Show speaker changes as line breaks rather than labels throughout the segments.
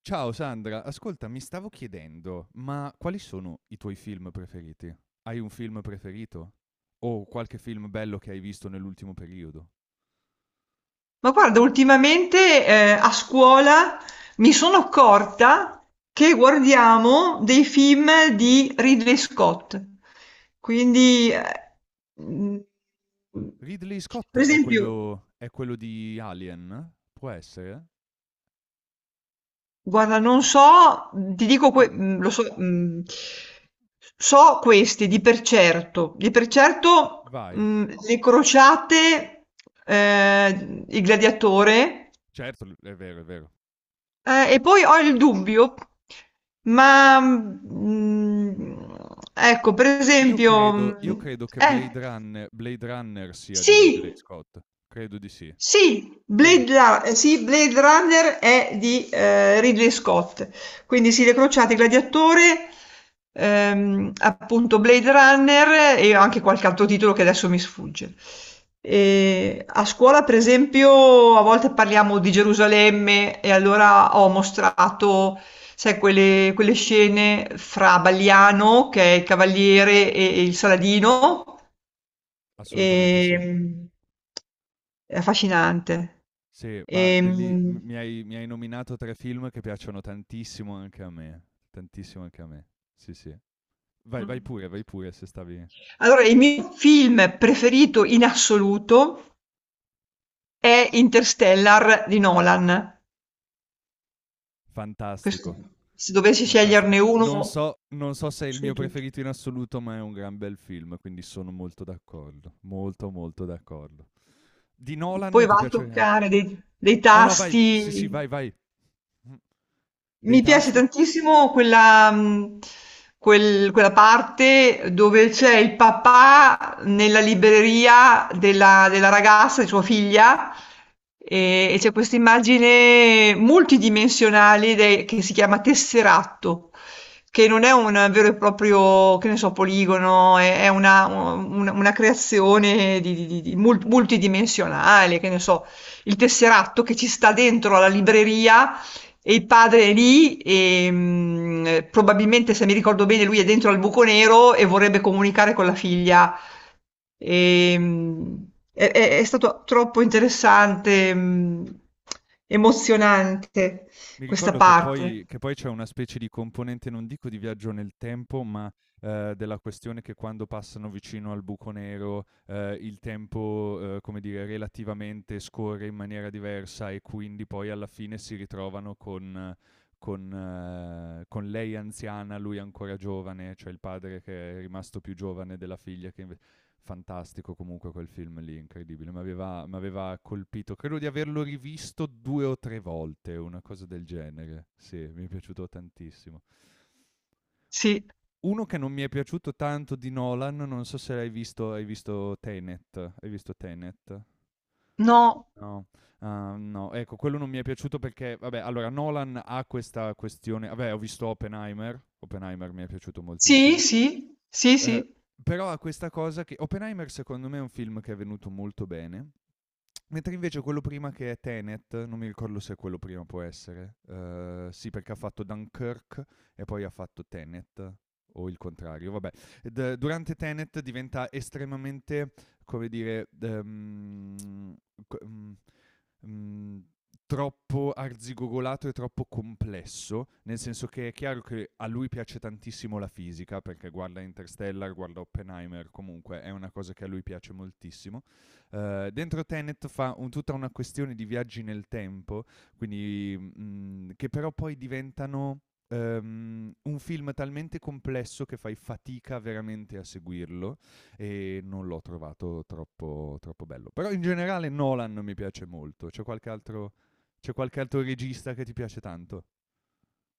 Ciao Sandra, ascolta, mi stavo chiedendo, ma quali sono i tuoi film preferiti? Hai un film preferito? O qualche film bello che hai visto nell'ultimo periodo?
Ma guarda, ultimamente a scuola mi sono accorta che guardiamo dei film di Ridley Scott. Quindi, mm,
Ridley Scott
per esempio,
è quello di Alien? Può essere?
guarda, non so, ti dico,
Ma
lo so, so questi di per certo,
vai.
le crociate, il gladiatore.
Certo, è vero, è vero.
E poi ho il dubbio, ma mm, ecco, per
Io
esempio,
credo, io credo che Blade
eh,
Runner, Blade Runner sia di Ridley
sì,
Scott. Credo di sì.
sì,
Sì,
Sì, Blade Runner è di Ridley Scott, quindi Sile Crociati, Gladiatore, appunto Blade Runner e anche qualche altro titolo che adesso mi sfugge. E a scuola, per esempio, a volte parliamo di Gerusalemme e allora ho mostrato, sai, quelle scene fra Baliano, che è il cavaliere, e il Saladino.
assolutamente sì.
Ehm, è affascinante.
Sì, ma belli m
Ehm,
mi hai nominato 3 film che piacciono tantissimo anche a me, tantissimo anche a me. Sì, sì. Vai,
mh.
vai pure se stavi
Allora, il mio film preferito in assoluto è Interstellar di Nolan. Questo,
fantastico,
se dovessi
fantastico.
sceglierne
Non
uno
so non so se è il mio
su tutti.
preferito in assoluto, ma è un gran bel film, quindi sono molto d'accordo, molto, molto d'accordo. Di Nolan
Poi
ti
va a
piace
toccare dei
no, no, vai, sì, sì,
tasti.
vai, vai. Mh, dei
Mi piace
tasti?
tantissimo quella parte dove c'è il papà nella libreria della ragazza, di sua figlia, e c'è questa immagine multidimensionale che si chiama tesseratto, che non è un vero e proprio, che ne so, poligono, è una creazione multidimensionale, che ne so, il tesseratto che ci sta dentro alla libreria e il padre è lì e probabilmente, se mi ricordo bene, lui è dentro al buco nero e vorrebbe comunicare con la figlia. E, mh, è, è stato troppo interessante, emozionante
Mi
questa
ricordo che
parte.
poi che poi c'è una specie di componente, non dico di viaggio nel tempo, ma, della questione che quando passano vicino al buco nero, il tempo, come dire, relativamente scorre in maniera diversa e quindi poi alla fine si ritrovano con con lei anziana, lui ancora giovane, cioè il padre che è rimasto più giovane della figlia che inve. Fantastico comunque quel film lì, incredibile. Mi aveva colpito, credo di averlo rivisto due o tre volte, una cosa del genere. Sì, mi è piaciuto tantissimo.
Sì,
Uno che non mi è piaciuto tanto di Nolan, non so se l'hai visto, hai visto Tenet. Hai visto Tenet?
no,
No, no, ecco, quello non mi è piaciuto perché, vabbè, allora Nolan ha questa questione, vabbè, ho visto Oppenheimer, Oppenheimer mi è piaciuto
sì,
moltissimo.
sì, sì,
Eh,
sì.
Però ha questa cosa che Oppenheimer secondo me è un film che è venuto molto bene, mentre invece quello prima che è Tenet, non mi ricordo se quello prima può essere. Sì, perché ha fatto Dunkirk e poi ha fatto Tenet, o il contrario, vabbè. Durante Tenet diventa estremamente, come dire, co- mm, mm, troppo arzigogolato e troppo complesso, nel senso che è chiaro che a lui piace tantissimo la fisica, perché guarda Interstellar, guarda Oppenheimer, comunque è una cosa che a lui piace moltissimo. Dentro Tenet fa tutta una questione di viaggi nel tempo, quindi, che però poi diventano un film talmente complesso che fai fatica veramente a seguirlo e non l'ho trovato troppo, troppo bello. Però in generale Nolan mi piace molto. C'è qualche altro regista che ti piace tanto?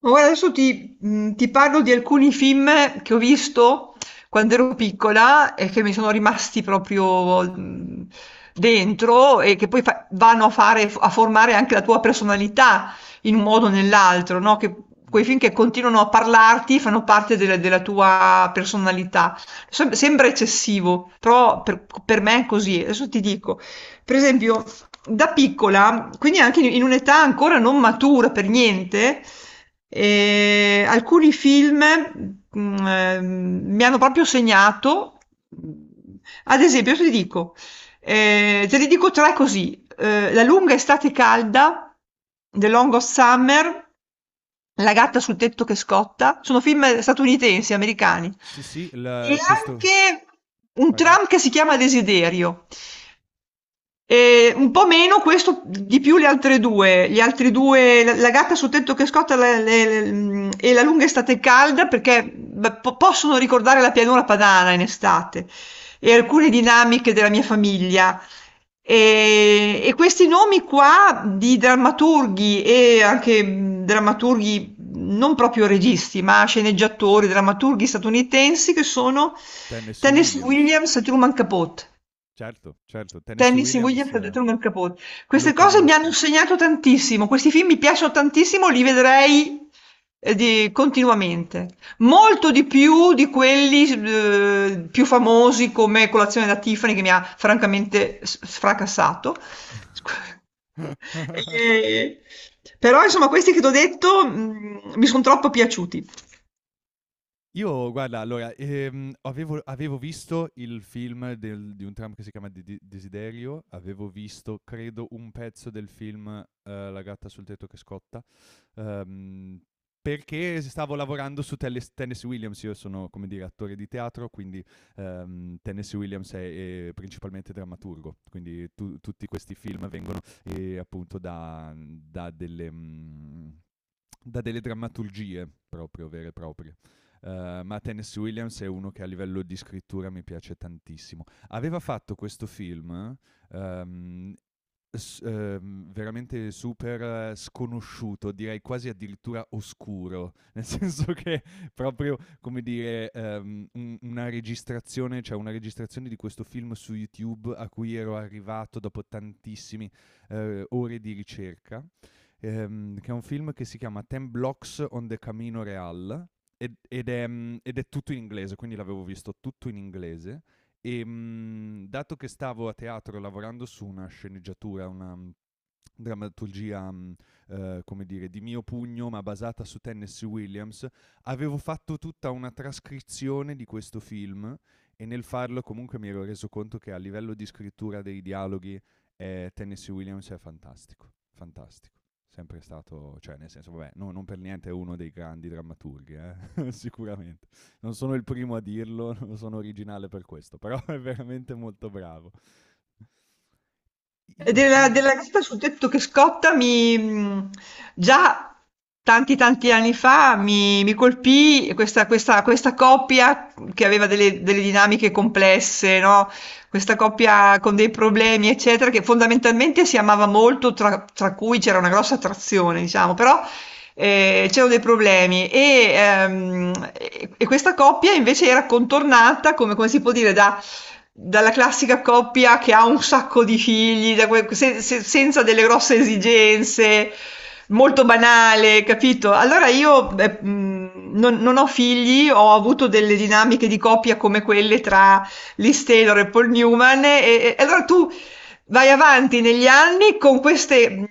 Ma guarda, adesso ti parlo di alcuni film che ho visto quando ero piccola e che mi sono rimasti proprio dentro e che poi vanno a fare, a formare anche la tua personalità in un modo o nell'altro, no? Che,
Mm-hmm.
quei film che continuano a parlarti fanno parte della tua personalità. Sembra eccessivo, però per me è così. Adesso ti dico, per esempio da piccola, quindi anche in un'età ancora non matura per niente, alcuni film mi hanno proprio segnato. Ad esempio, io ti dico, te ne dico tre così: eh, La lunga estate calda, The Long of Summer, La gatta sul tetto che scotta. Sono film statunitensi, americani.
Sì, sì,
E
questo...
anche Un
Vai, vai.
tram che si chiama Desiderio. E un po' meno questo, di più le altre due. Gli altri due, la gatta sul tetto che scotta e la lunga estate calda, perché beh, possono ricordare la pianura padana in estate e alcune dinamiche della mia famiglia. E questi nomi qua di drammaturghi e anche mm, drammaturghi non proprio registi, ma sceneggiatori, drammaturghi statunitensi che sono
Tennessee
Tennessee
Williams.
Williams e Truman Capote.
Certo, certo, Tennessee
Tennis in
Williams,
Williams dietro nel capot. Queste
lo
cose mi hanno
conosco.
insegnato tantissimo, questi film mi piacciono tantissimo, li vedrei continuamente. Molto di più di quelli più famosi come Colazione da Tiffany che mi ha francamente sfracassato. Scu- Eh, però insomma questi che ti ho detto mi sono troppo piaciuti.
Io guarda, allora, avevo visto il film del di un tram che si chiama De De Desiderio, avevo visto credo un pezzo del film, La gatta sul tetto che scotta, uhm, perché s stavo lavorando su Telles Tennessee Williams. Io sono, come dire, attore di teatro, quindi, Tennessee Williams è principalmente drammaturgo, quindi tu tutti questi film vengono, appunto da delle da delle drammaturgie proprio vere e proprie. Ma Tennessee Williams è uno che a livello di scrittura mi piace tantissimo. Aveva fatto questo film ehm, veramente super sconosciuto, direi quasi addirittura oscuro, nel senso che proprio come dire una registrazione, cioè una registrazione di questo film su YouTube a cui ero arrivato dopo tantissime ore di ricerca. Che è un film che si chiama Ten Blocks on the Camino Real ed è, ed è tutto in inglese, quindi l'avevo visto tutto in inglese. E, dato che stavo a teatro lavorando su una sceneggiatura, una drammaturgia, come dire, di mio pugno, ma basata su Tennessee Williams, avevo fatto tutta una trascrizione di questo film e nel farlo comunque mi ero reso conto che a livello di scrittura dei dialoghi, Tennessee Williams è fantastico, fantastico, sempre stato, cioè nel senso, vabbè, non per niente è uno dei grandi drammaturghi, sicuramente. Non sono il primo a dirlo, non sono originale per questo, però è veramente molto bravo.
E
Io film,
Della Gatta sul tetto che scotta già tanti tanti anni fa mi colpì questa coppia che aveva delle dinamiche complesse, no? Questa coppia con dei problemi, eccetera, che fondamentalmente si amava molto, tra cui c'era una grossa attrazione, diciamo, però c'erano dei problemi e questa coppia invece era contornata, come, come si può dire, dalla classica coppia che ha un sacco di figli, da senza delle grosse esigenze, molto banale, capito? Allora io non ho figli, ho avuto delle dinamiche di coppia come quelle tra Liz Taylor e Paul Newman e allora tu vai avanti negli anni con queste mhmm,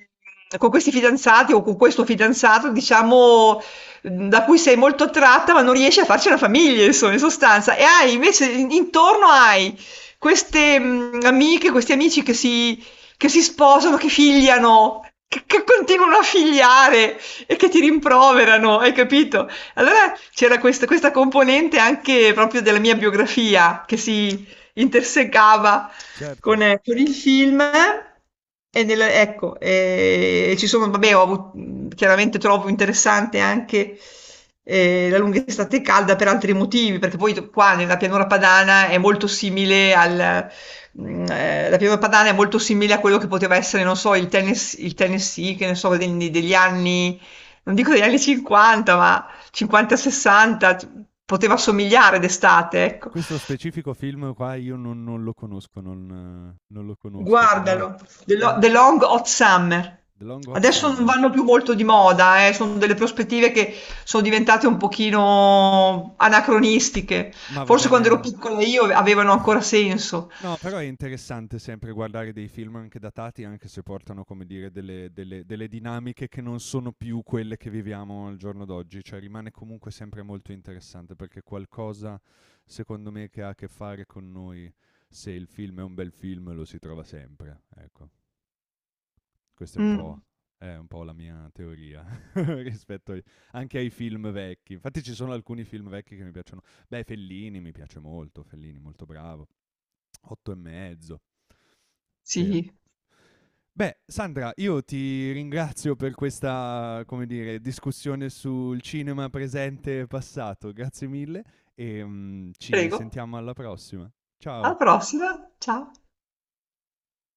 con questi fidanzati o con questo fidanzato, diciamo, mhmm, da cui sei molto attratta, ma non riesci a farci una famiglia, insomma, in sostanza. E hai invece in intorno hai queste, mhmm, amiche, questi amici che si sposano, che figliano, che continuano a figliare e che ti rimproverano, hai capito? Allora c'era questa componente anche proprio della mia biografia che si intersecava
certo,
con il film. E ecco, ci sono, vabbè, ho avuto chiaramente trovo interessante anche la lunga estate calda per altri motivi, perché poi qua nella pianura padana è molto simile la pianura padana è molto simile a quello che poteva essere, non so, il il Tennessee, che ne so, degli anni, non dico degli anni 50, ma 50-60, poteva somigliare d'estate, ecco.
questo specifico film qua io non lo conosco, non lo conosco, però...
Guardalo,
Ah,
The Long Hot Summer.
The Long Hot
Adesso non
Summer.
vanno più molto di moda, sono delle prospettive che sono diventate un pochino anacronistiche.
Ma va
Forse
bene.
quando ero piccola io avevano ancora senso.
No, però è interessante sempre guardare dei film anche datati, anche se portano, come dire, delle dinamiche che non sono più quelle che viviamo al giorno d'oggi, cioè rimane comunque sempre molto interessante perché qualcosa, secondo me, che ha a che fare con noi, se il film è un bel film, lo si trova sempre. Ecco, questa
Mm,
è un po' la mia teoria rispetto anche ai film vecchi. Infatti ci sono alcuni film vecchi che mi piacciono. Beh, Fellini mi piace molto, Fellini molto bravo, Otto e mezzo. Sì,
sì,
beh, Sandra, io ti ringrazio per questa, come dire, discussione sul cinema presente e passato. Grazie mille e, ci
prego.
sentiamo alla prossima.
Alla
Ciao.
prossima. Ciao.